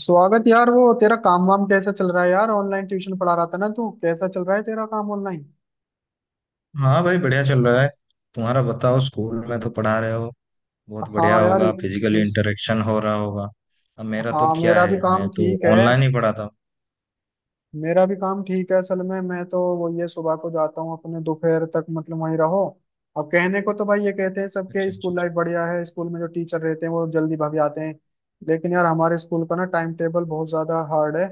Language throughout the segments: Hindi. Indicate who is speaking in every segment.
Speaker 1: स्वागत यार। वो तेरा काम वाम कैसा चल रहा है यार? ऑनलाइन ट्यूशन पढ़ा रहा था ना तू, कैसा चल रहा है तेरा काम ऑनलाइन?
Speaker 2: हाँ भाई, बढ़िया चल रहा है। तुम्हारा बताओ, स्कूल में तो पढ़ा रहे हो। बहुत बढ़िया
Speaker 1: हाँ यार।
Speaker 2: होगा, फिजिकल
Speaker 1: इस
Speaker 2: इंटरेक्शन हो रहा होगा। अब मेरा तो
Speaker 1: हाँ,
Speaker 2: क्या
Speaker 1: मेरा भी
Speaker 2: है,
Speaker 1: काम
Speaker 2: मैं तो
Speaker 1: ठीक है।
Speaker 2: ऑनलाइन ही पढ़ाता हूँ।
Speaker 1: मेरा भी काम ठीक है। असल में मैं तो वो ये सुबह को जाता हूँ अपने, दोपहर तक मतलब वहीं रहो। अब कहने को तो भाई ये कहते हैं सबके
Speaker 2: अच्छा, अच्छा,
Speaker 1: स्कूल
Speaker 2: अच्छा।
Speaker 1: लाइफ बढ़िया है, स्कूल में जो टीचर रहते हैं वो जल्दी भाग जाते हैं। लेकिन यार हमारे स्कूल का ना टाइम टेबल बहुत ज्यादा हार्ड है।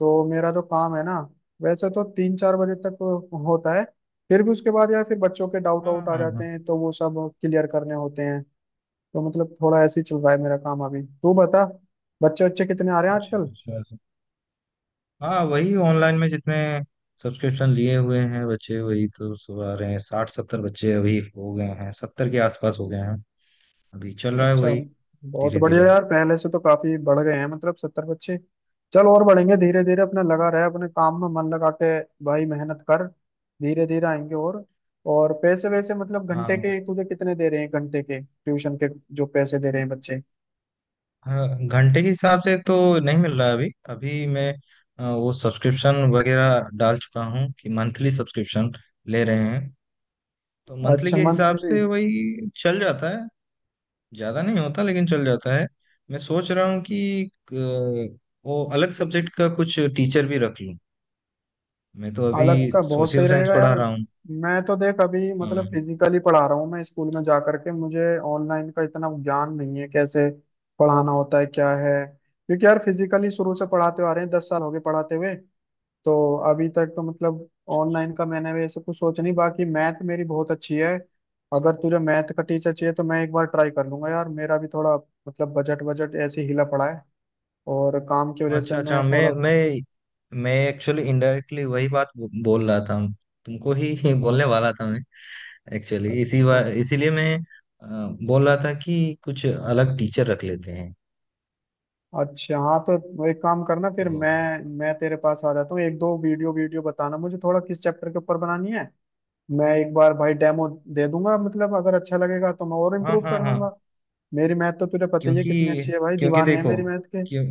Speaker 1: तो मेरा जो काम है ना, वैसे तो 3-4 बजे तक होता है। फिर भी उसके बाद यार फिर बच्चों के डाउट
Speaker 2: हाँ,
Speaker 1: आउट आ
Speaker 2: हाँ, हाँ।
Speaker 1: जाते हैं तो वो सब क्लियर करने होते हैं। तो मतलब थोड़ा ऐसे ही चल रहा है मेरा काम। अभी तू बता, बच्चे बच्चे कितने आ रहे हैं
Speaker 2: अच्छा,
Speaker 1: आजकल?
Speaker 2: अच्छा, ऐसा। हाँ, वही ऑनलाइन में जितने सब्सक्रिप्शन लिए हुए हैं बच्चे, वही तो सब आ रहे हैं। 60-70 बच्चे अभी हो गए हैं, 70 के आसपास हो गए हैं। अभी चल रहा है
Speaker 1: अच्छा।
Speaker 2: वही।
Speaker 1: बहुत
Speaker 2: धीरे
Speaker 1: बढ़िया
Speaker 2: धीरे।
Speaker 1: यार, पहले से तो काफी बढ़ गए हैं मतलब 70 बच्चे। चल और बढ़ेंगे धीरे धीरे, अपने लगा रहे अपने काम में मन लगा के। भाई मेहनत कर, धीरे धीरे आएंगे। और पैसे वैसे मतलब घंटे
Speaker 2: हाँ
Speaker 1: के तुझे कितने दे रहे हैं घंटे के ट्यूशन के, जो पैसे दे रहे हैं बच्चे?
Speaker 2: हाँ, घंटे के हिसाब से तो नहीं मिल रहा है। अभी अभी मैं वो सब्सक्रिप्शन वगैरह डाल चुका हूँ कि मंथली सब्सक्रिप्शन ले रहे हैं। तो मंथली
Speaker 1: अच्छा,
Speaker 2: के हिसाब
Speaker 1: मंथली।
Speaker 2: से वही चल जाता है। ज़्यादा नहीं होता, लेकिन चल जाता है। मैं सोच रहा हूँ कि अ, वो अलग सब्जेक्ट का कुछ टीचर भी रख लूँ। मैं तो अभी
Speaker 1: अलग का बहुत सही
Speaker 2: सोशल साइंस
Speaker 1: रहेगा यार।
Speaker 2: पढ़ा रहा हूँ।
Speaker 1: मैं तो देख अभी मतलब
Speaker 2: हाँ।
Speaker 1: फिजिकली पढ़ा रहा हूँ मैं स्कूल में जा करके, मुझे ऑनलाइन का इतना ज्ञान नहीं है कैसे पढ़ाना होता है क्या है। क्योंकि यार फिजिकली शुरू से पढ़ाते आ रहे हैं, 10 साल हो गए पढ़ाते हुए। तो अभी तक तो मतलब ऑनलाइन का मैंने वैसे कुछ सोचा नहीं। बाकी मैथ मेरी बहुत अच्छी है। अगर तुझे मैथ का टीचर चाहिए तो मैं एक बार ट्राई कर लूंगा। यार मेरा भी थोड़ा मतलब बजट बजट ऐसे ही हिला पड़ा है, और काम की वजह से
Speaker 2: अच्छा
Speaker 1: मैं
Speaker 2: अच्छा,
Speaker 1: थोड़ा।
Speaker 2: मैं एक्चुअली इनडायरेक्टली वही बात बोल रहा था। तुमको ही बोलने वाला था मैं। एक्चुअली
Speaker 1: अच्छा
Speaker 2: इसीलिए मैं अ, बोल रहा था कि कुछ अलग टीचर रख लेते हैं।
Speaker 1: अच्छा। हाँ तो वो एक काम करना, फिर
Speaker 2: तो।
Speaker 1: मैं तेरे पास आ जाता हूँ। एक दो वीडियो वीडियो बताना मुझे थोड़ा किस चैप्टर के ऊपर बनानी है। मैं एक बार भाई डेमो दे दूंगा, मतलब अगर अच्छा लगेगा तो मैं और
Speaker 2: हाँ,
Speaker 1: इम्प्रूव
Speaker 2: हाँ,
Speaker 1: कर
Speaker 2: हाँ।
Speaker 1: लूंगा। मेरी मैथ तो तुझे पता ही है कितनी
Speaker 2: क्योंकि
Speaker 1: अच्छी है, भाई
Speaker 2: क्योंकि
Speaker 1: दीवाने हैं
Speaker 2: देखो।
Speaker 1: मेरी मैथ के।
Speaker 2: क्यों?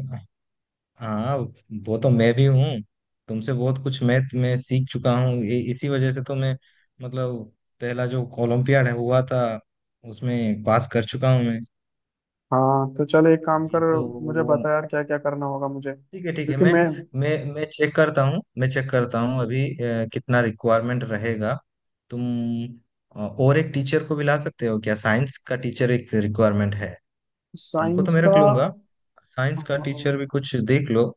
Speaker 2: हाँ। वो तो मैं भी हूँ। तुमसे बहुत कुछ मैथ में सीख चुका हूँ, इसी वजह से तो मैं। मतलब, पहला जो ओलंपियाड हुआ था, उसमें पास कर चुका हूँ मैं।
Speaker 1: हाँ तो चल एक काम
Speaker 2: अभी
Speaker 1: कर,
Speaker 2: तो।
Speaker 1: मुझे बता यार क्या क्या करना होगा मुझे,
Speaker 2: ठीक है ठीक है,
Speaker 1: क्योंकि
Speaker 2: मैं
Speaker 1: मैं।
Speaker 2: मैं मैं चेक करता हूँ, मैं चेक करता हूँ अभी। कितना रिक्वायरमेंट रहेगा। तुम और एक टीचर को भी ला सकते हो क्या? साइंस का टीचर एक रिक्वायरमेंट है। तुमको तो
Speaker 1: साइंस
Speaker 2: मैं रख
Speaker 1: का?
Speaker 2: लूंगा। साइंस का
Speaker 1: हाँ।
Speaker 2: टीचर भी कुछ देख लो।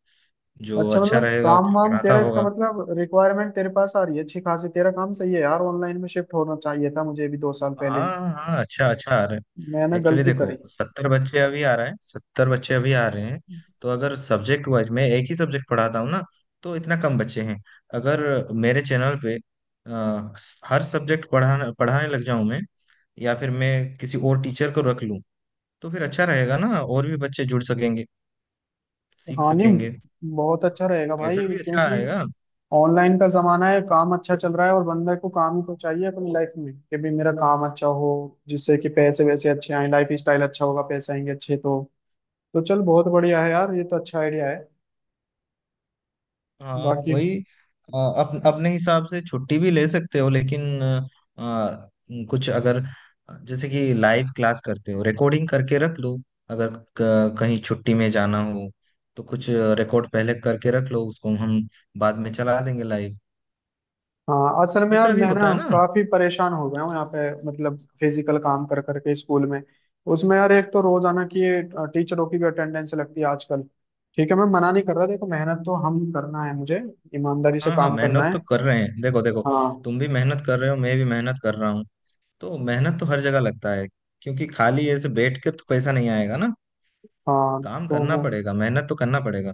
Speaker 2: जो
Speaker 1: अच्छा
Speaker 2: अच्छा
Speaker 1: मतलब
Speaker 2: रहेगा,
Speaker 1: काम
Speaker 2: अच्छा
Speaker 1: वाम
Speaker 2: पढ़ाता
Speaker 1: तेरा, इसका
Speaker 2: होगा।
Speaker 1: मतलब रिक्वायरमेंट तेरे पास आ रही है अच्छी खासी, तेरा काम सही है यार। ऑनलाइन में शिफ्ट होना चाहिए था मुझे भी 2 साल पहले ही।
Speaker 2: हाँ हाँ, अच्छा अच्छा आ रहे हैं।
Speaker 1: मैंने
Speaker 2: एक्चुअली
Speaker 1: गलती
Speaker 2: देखो,
Speaker 1: करी।
Speaker 2: 70 बच्चे अभी आ रहे हैं, 70 बच्चे अभी आ रहे हैं। तो अगर सब्जेक्ट वाइज मैं एक ही सब्जेक्ट पढ़ाता हूँ ना, तो इतना कम बच्चे हैं। अगर मेरे चैनल पे अ, हर सब्जेक्ट पढ़ाने पढ़ाने लग जाऊं मैं, या फिर मैं किसी और टीचर को रख लूँ, तो फिर अच्छा रहेगा ना। और भी बच्चे जुड़ सकेंगे, सीख
Speaker 1: हाँ नहीं
Speaker 2: सकेंगे।
Speaker 1: बहुत अच्छा रहेगा
Speaker 2: पैसा
Speaker 1: भाई,
Speaker 2: भी अच्छा
Speaker 1: क्योंकि
Speaker 2: आएगा।
Speaker 1: ऑनलाइन का जमाना है, काम अच्छा चल रहा है, और बंदे को काम ही तो चाहिए अपनी लाइफ में, कि भी मेरा काम अच्छा हो, जिससे कि पैसे वैसे अच्छे आए, लाइफ स्टाइल अच्छा होगा, पैसे आएंगे अच्छे तो। तो चल बहुत बढ़िया है यार, ये तो अच्छा आइडिया है।
Speaker 2: हाँ
Speaker 1: बाकी।
Speaker 2: वही, अपने हिसाब से छुट्टी भी ले सकते हो, लेकिन अ, कुछ अगर, जैसे कि लाइव क्लास करते हो, रिकॉर्डिंग करके रख लो। अगर कहीं छुट्टी में जाना हो, तो कुछ रिकॉर्ड पहले करके रख लो, उसको हम बाद में चला देंगे लाइव।
Speaker 1: हाँ असल में यार
Speaker 2: ऐसा भी
Speaker 1: मैं ना
Speaker 2: होता है ना।
Speaker 1: काफी परेशान हो गया हूँ यहाँ पे, मतलब फिजिकल काम कर करके स्कूल में। उसमें यार एक तो रोजाना की ये टीचरों की भी अटेंडेंस लगती है आजकल। ठीक है मैं मना नहीं कर रहा, देखो मेहनत तो हम करना है मुझे, ईमानदारी से
Speaker 2: हाँ हाँ,
Speaker 1: काम करना
Speaker 2: मेहनत तो
Speaker 1: है।
Speaker 2: कर रहे हैं, देखो देखो।
Speaker 1: हाँ।
Speaker 2: तुम भी मेहनत कर रहे हो, मैं भी मेहनत कर रहा हूँ। तो मेहनत तो हर जगह लगता है। क्योंकि खाली ऐसे बैठ के तो पैसा नहीं आएगा ना।
Speaker 1: हाँ
Speaker 2: काम
Speaker 1: तो
Speaker 2: करना
Speaker 1: वो,
Speaker 2: पड़ेगा, मेहनत तो करना पड़ेगा।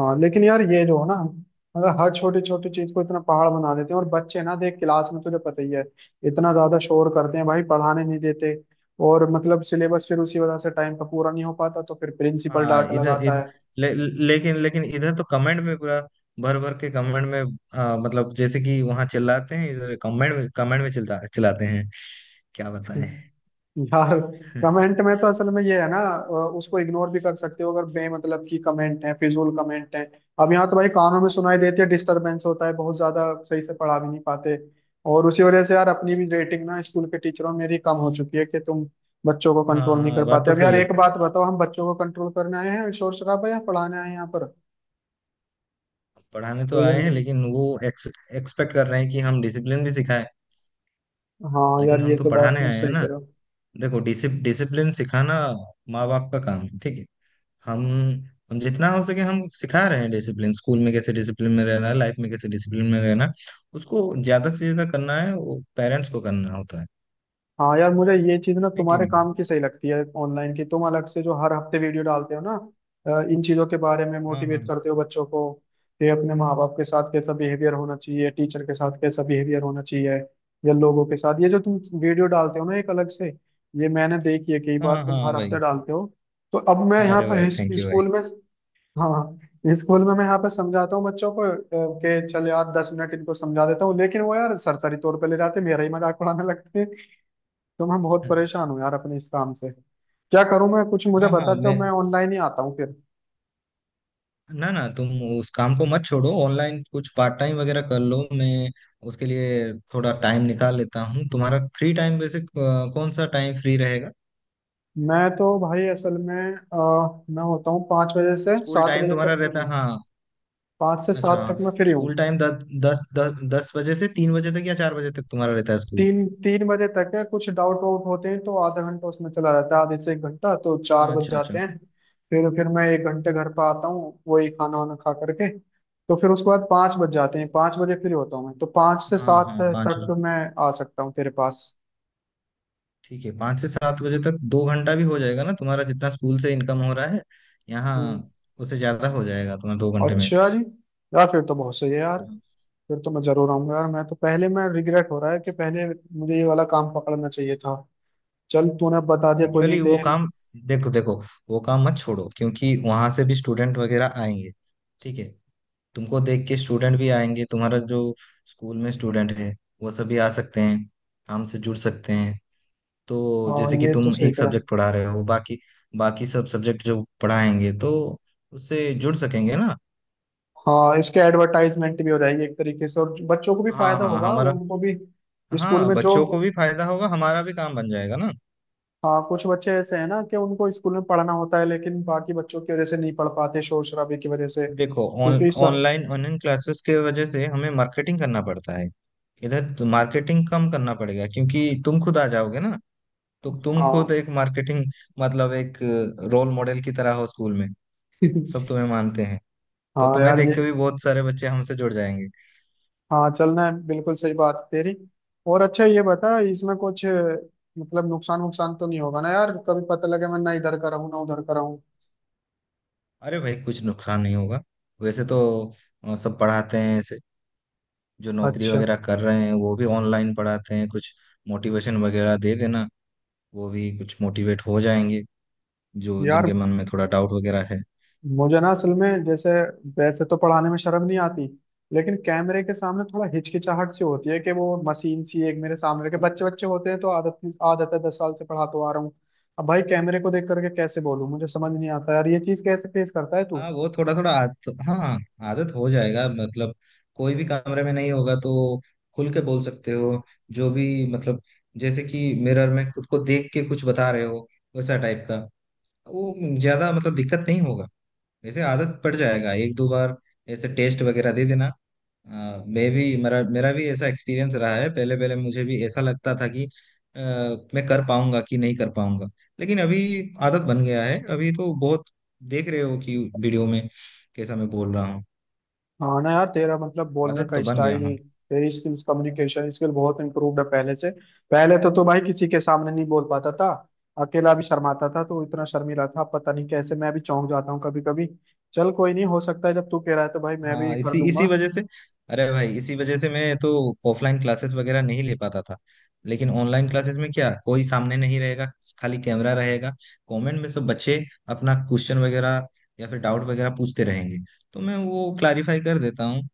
Speaker 1: हाँ लेकिन यार ये जो है ना, मतलब हर छोटी छोटी चीज को इतना पहाड़ बना देते हैं। और बच्चे ना देख, क्लास में तुझे पता ही है, इतना ज्यादा शोर करते हैं भाई, पढ़ाने नहीं देते। और मतलब सिलेबस फिर उसी वजह से टाइम पे पूरा नहीं हो पाता, तो फिर प्रिंसिपल
Speaker 2: हाँ,
Speaker 1: डांट
Speaker 2: इधर
Speaker 1: लगाता
Speaker 2: इधर
Speaker 1: है।
Speaker 2: ले, लेकिन लेकिन इधर तो कमेंट में पूरा भर भर के कमेंट में, मतलब जैसे कि वहां चिल्लाते हैं, इधर कमेंट में चिल्ला चिल्लाते हैं। क्या बताएं।
Speaker 1: यार कमेंट में तो असल में ये है ना, उसको इग्नोर भी कर सकते हो अगर बेमतलब की कमेंट है, फिजूल कमेंट है। अब यहाँ तो भाई कानों में सुनाई देती है, डिस्टरबेंस होता है बहुत ज्यादा, सही से पढ़ा भी नहीं पाते। और उसी वजह से यार अपनी भी रेटिंग ना स्कूल के टीचरों में मेरी कम हो चुकी है, कि तुम बच्चों को
Speaker 2: हाँ
Speaker 1: कंट्रोल नहीं कर
Speaker 2: हाँ, बात
Speaker 1: पाते।
Speaker 2: तो
Speaker 1: अब यार
Speaker 2: सही है।
Speaker 1: एक बात बताओ, हम बच्चों को कंट्रोल करने आए हैं शोर शराबा, या पढ़ाने आए हैं यहाँ पर?
Speaker 2: पढ़ाने तो
Speaker 1: तो ये।
Speaker 2: आए हैं, लेकिन वो एक्सपेक्ट कर रहे हैं कि हम डिसिप्लिन भी सिखाएं।
Speaker 1: हाँ यार
Speaker 2: लेकिन हम
Speaker 1: ये
Speaker 2: तो
Speaker 1: तो बात
Speaker 2: पढ़ाने
Speaker 1: तुम
Speaker 2: आए हैं
Speaker 1: सही कह
Speaker 2: ना।
Speaker 1: रहे हो।
Speaker 2: देखो, डिसिप्लिन सिखाना माँ बाप का काम है, ठीक है। हम हम जितना हो सके हम सिखा रहे हैं डिसिप्लिन। स्कूल में कैसे डिसिप्लिन में रहना है, लाइफ में कैसे डिसिप्लिन में रहना है। उसको ज्यादा से ज्यादा करना है, वो पेरेंट्स को करना होता है।
Speaker 1: हाँ यार मुझे ये चीज ना
Speaker 2: है कि
Speaker 1: तुम्हारे
Speaker 2: नहीं?
Speaker 1: काम की सही लगती है ऑनलाइन की, तुम अलग से जो हर हफ्ते वीडियो डालते हो ना, इन चीजों के बारे में
Speaker 2: हाँ हाँ,
Speaker 1: मोटिवेट करते हो बच्चों को, कि अपने माँ बाप के साथ कैसा बिहेवियर होना चाहिए, टीचर के साथ कैसा बिहेवियर होना चाहिए या लोगों के साथ। ये जो तुम वीडियो डालते हो ना एक अलग से, ये मैंने देखी है कई बार
Speaker 2: हाँ
Speaker 1: तुम
Speaker 2: हाँ
Speaker 1: हर हफ्ते
Speaker 2: भाई।
Speaker 1: डालते हो। तो अब मैं यहाँ
Speaker 2: अरे
Speaker 1: पर
Speaker 2: भाई, थैंक यू भाई।
Speaker 1: स्कूल में। हाँ स्कूल में मैं यहाँ पर समझाता हूँ बच्चों को, कि चल यार 10 मिनट इनको समझा देता हूँ, लेकिन वो यार सरसरी तौर पे ले जाते, मेरा ही मजाक उड़ाने लगते हैं। तो मैं बहुत परेशान हूँ यार अपने इस काम से, क्या करूँ मैं? कुछ मुझे
Speaker 2: हाँ
Speaker 1: बता
Speaker 2: हाँ,
Speaker 1: दो,
Speaker 2: मैं,
Speaker 1: मैं ऑनलाइन ही आता हूँ फिर।
Speaker 2: ना ना तुम उस काम को मत छोड़ो। ऑनलाइन कुछ पार्ट टाइम वगैरह कर लो, मैं उसके लिए थोड़ा टाइम निकाल लेता हूँ। तुम्हारा फ्री टाइम वैसे, कौन सा टाइम फ्री रहेगा?
Speaker 1: मैं तो भाई असल में मैं होता हूँ पाँच बजे से
Speaker 2: स्कूल
Speaker 1: सात
Speaker 2: टाइम
Speaker 1: बजे
Speaker 2: तुम्हारा
Speaker 1: तक फ्री
Speaker 2: रहता है,
Speaker 1: हूँ।
Speaker 2: हाँ।
Speaker 1: पाँच से
Speaker 2: अच्छा,
Speaker 1: सात तक मैं फ्री हूँ।
Speaker 2: स्कूल टाइम दस दस दस दस बजे से 3 बजे तक या 4 बजे तक तुम्हारा रहता है स्कूल।
Speaker 1: तीन तीन बजे तक है, कुछ डाउट वाउट होते हैं तो आधा घंटा उसमें चला जाता है, आधे से एक घंटा तो चार बज
Speaker 2: अच्छा अच्छा।
Speaker 1: जाते हैं फिर मैं एक घंटे घर पर आता हूँ, वही खाना वाना खा करके। तो फिर उसके बाद 5 बज जाते हैं, 5 बजे फ्री होता हूँ मैं, तो पाँच से
Speaker 2: हाँ
Speaker 1: सात
Speaker 2: हाँ, पाँच
Speaker 1: तक
Speaker 2: बजे
Speaker 1: मैं आ सकता हूँ तेरे पास।
Speaker 2: ठीक है, 5 से 7 बजे तक 2 घंटा भी हो जाएगा ना। तुम्हारा जितना स्कूल से इनकम हो रहा है यहाँ, उससे ज्यादा हो जाएगा तुम्हारा 2 घंटे में।
Speaker 1: अच्छा जी। यार फिर तो बहुत सही है यार, फिर तो मैं जरूर आऊंगा यार। मैं तो पहले, मैं रिग्रेट हो रहा है कि पहले मुझे ये वाला काम पकड़ना चाहिए था। चल तूने बता दिया कोई नहीं
Speaker 2: एक्चुअली वो
Speaker 1: देर।
Speaker 2: काम, देखो देखो, वो काम मत छोड़ो क्योंकि वहां से भी स्टूडेंट वगैरह आएंगे। ठीक है। तुमको देख के स्टूडेंट भी आएंगे। तुम्हारा जो स्कूल में स्टूडेंट है, वो सभी आ सकते हैं, काम से जुड़ सकते हैं। तो
Speaker 1: हाँ
Speaker 2: जैसे कि
Speaker 1: ये तो
Speaker 2: तुम
Speaker 1: सही
Speaker 2: एक
Speaker 1: करा है।
Speaker 2: सब्जेक्ट पढ़ा रहे हो, बाकी बाकी सब सब्जेक्ट जो पढ़ाएंगे, तो उससे जुड़ सकेंगे ना।
Speaker 1: हाँ इसके एडवर्टाइजमेंट भी हो जाएगी एक तरीके से, और बच्चों को भी
Speaker 2: हाँ
Speaker 1: फायदा
Speaker 2: हाँ,
Speaker 1: होगा, वो
Speaker 2: हमारा,
Speaker 1: उनको भी स्कूल
Speaker 2: हाँ,
Speaker 1: में जो।
Speaker 2: बच्चों को भी फायदा होगा, हमारा भी काम बन जाएगा ना।
Speaker 1: हाँ कुछ बच्चे ऐसे हैं ना कि उनको स्कूल में पढ़ना होता है लेकिन बाकी बच्चों की वजह से नहीं पढ़ पाते शोर शराबे की वजह से,
Speaker 2: देखो, ऑन
Speaker 1: क्योंकि
Speaker 2: ऑनलाइन ऑनलाइन क्लासेस के वजह से हमें मार्केटिंग करना पड़ता है। इधर तो मार्केटिंग कम करना पड़ेगा क्योंकि तुम खुद आ जाओगे ना। तो तुम खुद
Speaker 1: हाँ।
Speaker 2: एक मार्केटिंग, मतलब एक रोल मॉडल की तरह हो स्कूल में। सब तुम्हें मानते हैं। तो
Speaker 1: हाँ
Speaker 2: तुम्हें
Speaker 1: यार ये।
Speaker 2: देख के भी बहुत सारे बच्चे हमसे जुड़ जाएंगे।
Speaker 1: हाँ चलना है, बिल्कुल सही बात है तेरी। और अच्छा ये बता, इसमें कुछ मतलब नुकसान वुकसान तो नहीं होगा ना यार? कभी पता लगे मैं ना इधर का रहूँ ना उधर का रहूँ।
Speaker 2: अरे भाई, कुछ नुकसान नहीं होगा। वैसे तो सब पढ़ाते हैं ऐसे, जो नौकरी
Speaker 1: अच्छा।
Speaker 2: वगैरह कर रहे हैं वो भी ऑनलाइन पढ़ाते हैं। कुछ मोटिवेशन वगैरह दे देना, वो भी कुछ मोटिवेट हो जाएंगे, जो
Speaker 1: यार
Speaker 2: जिनके मन में थोड़ा डाउट वगैरह है।
Speaker 1: मुझे ना असल में जैसे, वैसे तो पढ़ाने में शर्म नहीं आती, लेकिन कैमरे के सामने थोड़ा हिचकिचाहट सी होती है कि वो मशीन सी एक, मेरे सामने के बच्चे बच्चे होते हैं, तो आदत आदत है, 10 साल से पढ़ा तो आ रहा हूँ। अब भाई कैमरे को देख करके कैसे बोलूँ, मुझे समझ नहीं आता यार ये चीज कैसे फेस करता है तू?
Speaker 2: हाँ, वो थोड़ा थोड़ा हाँ, आदत हो जाएगा। मतलब, कोई भी कमरे में नहीं होगा तो खुल के बोल सकते हो, जो भी, मतलब जैसे कि मिरर में खुद को देख के कुछ बता रहे हो, वैसा टाइप का। वो, ज्यादा मतलब दिक्कत नहीं होगा। वैसे आदत पड़ जाएगा, 1-2 बार ऐसे टेस्ट वगैरह दे देना। मैं भी, मेरा मेरा भी ऐसा एक्सपीरियंस रहा है। पहले पहले मुझे भी ऐसा लगता था कि मैं कर पाऊंगा कि नहीं कर पाऊंगा। लेकिन अभी आदत बन गया है, अभी तो बहुत देख रहे हो कि वीडियो में कैसा मैं बोल रहा हूँ।
Speaker 1: हाँ ना यार, तेरा मतलब बोलने
Speaker 2: आदत
Speaker 1: का
Speaker 2: तो बन गया,
Speaker 1: स्टाइल,
Speaker 2: हाँ।
Speaker 1: तेरी स्किल्स कम्युनिकेशन स्किल बहुत इम्प्रूव्ड है पहले से। पहले तो भाई किसी के सामने नहीं बोल पाता था, अकेला भी शर्माता था, तो इतना शर्मीला था पता नहीं कैसे, मैं भी चौंक जाता हूँ कभी कभी। चल कोई नहीं, हो सकता है जब तू कह रहा है तो भाई मैं भी
Speaker 2: हाँ,
Speaker 1: कर
Speaker 2: इसी इसी
Speaker 1: लूंगा।
Speaker 2: वजह से, अरे भाई, इसी वजह से मैं तो ऑफलाइन क्लासेस वगैरह नहीं ले पाता था। लेकिन ऑनलाइन क्लासेस में क्या, कोई सामने नहीं रहेगा, खाली कैमरा रहेगा। कमेंट में सब बच्चे अपना क्वेश्चन वगैरह या फिर डाउट वगैरह पूछते रहेंगे, तो मैं वो क्लारीफाई कर देता हूँ,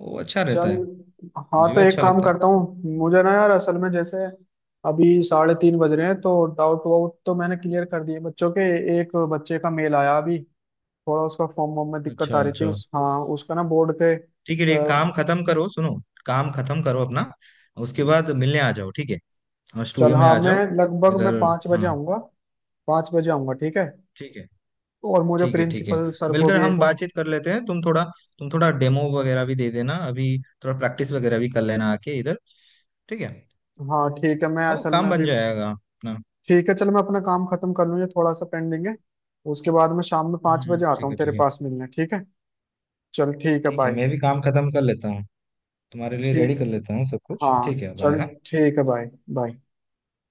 Speaker 2: वो अच्छा रहता
Speaker 1: चल।
Speaker 2: है।
Speaker 1: हाँ
Speaker 2: मुझे भी
Speaker 1: तो एक
Speaker 2: अच्छा
Speaker 1: काम
Speaker 2: लगता है।
Speaker 1: करता हूँ, मुझे ना यार असल में जैसे अभी 3:30 बज रहे हैं, तो डाउट वाउट तो मैंने क्लियर कर दिए बच्चों के। एक बच्चे का मेल आया अभी, थोड़ा उसका फॉर्म वॉर्म में दिक्कत
Speaker 2: अच्छा
Speaker 1: आ रही थी
Speaker 2: अच्छा।
Speaker 1: उस हाँ उसका ना बोर्ड के
Speaker 2: ठीक है, काम खत्म करो, सुनो, काम खत्म करो अपना, उसके बाद मिलने आ जाओ, ठीक है। हाँ,
Speaker 1: चल।
Speaker 2: स्टूडियो में
Speaker 1: हाँ
Speaker 2: आ
Speaker 1: मैं
Speaker 2: जाओ
Speaker 1: लगभग मैं
Speaker 2: इधर।
Speaker 1: पाँच बजे
Speaker 2: हाँ।
Speaker 1: आऊँगा 5 बजे आऊँगा ठीक है।
Speaker 2: ठीक है
Speaker 1: और मुझे
Speaker 2: ठीक है। ठीक है,
Speaker 1: प्रिंसिपल सर को
Speaker 2: मिलकर
Speaker 1: भी एक
Speaker 2: हम
Speaker 1: वो।
Speaker 2: बातचीत कर लेते हैं। तुम थोड़ा डेमो वगैरह भी दे देना अभी, थोड़ा प्रैक्टिस वगैरह भी कर लेना आके इधर, ठीक है।
Speaker 1: हाँ ठीक है, मैं
Speaker 2: हो,
Speaker 1: असल में
Speaker 2: काम बन
Speaker 1: अभी।
Speaker 2: जाएगा अपना।
Speaker 1: ठीक है चल, मैं अपना काम खत्म कर लूँ ये थोड़ा सा पेंडिंग है। उसके बाद मैं शाम में पाँच बजे आता
Speaker 2: ठीक
Speaker 1: हूँ
Speaker 2: है
Speaker 1: तेरे
Speaker 2: ठीक है।
Speaker 1: पास मिलने, ठीक है? चल ठीक है,
Speaker 2: ठीक है,
Speaker 1: बाय।
Speaker 2: मैं भी काम खत्म कर लेता हूँ, तुम्हारे लिए रेडी
Speaker 1: ठीक।
Speaker 2: कर लेता हूँ सब कुछ। ठीक
Speaker 1: हाँ
Speaker 2: है, बाय।
Speaker 1: चल
Speaker 2: हाँ।
Speaker 1: ठीक है, बाय बाय।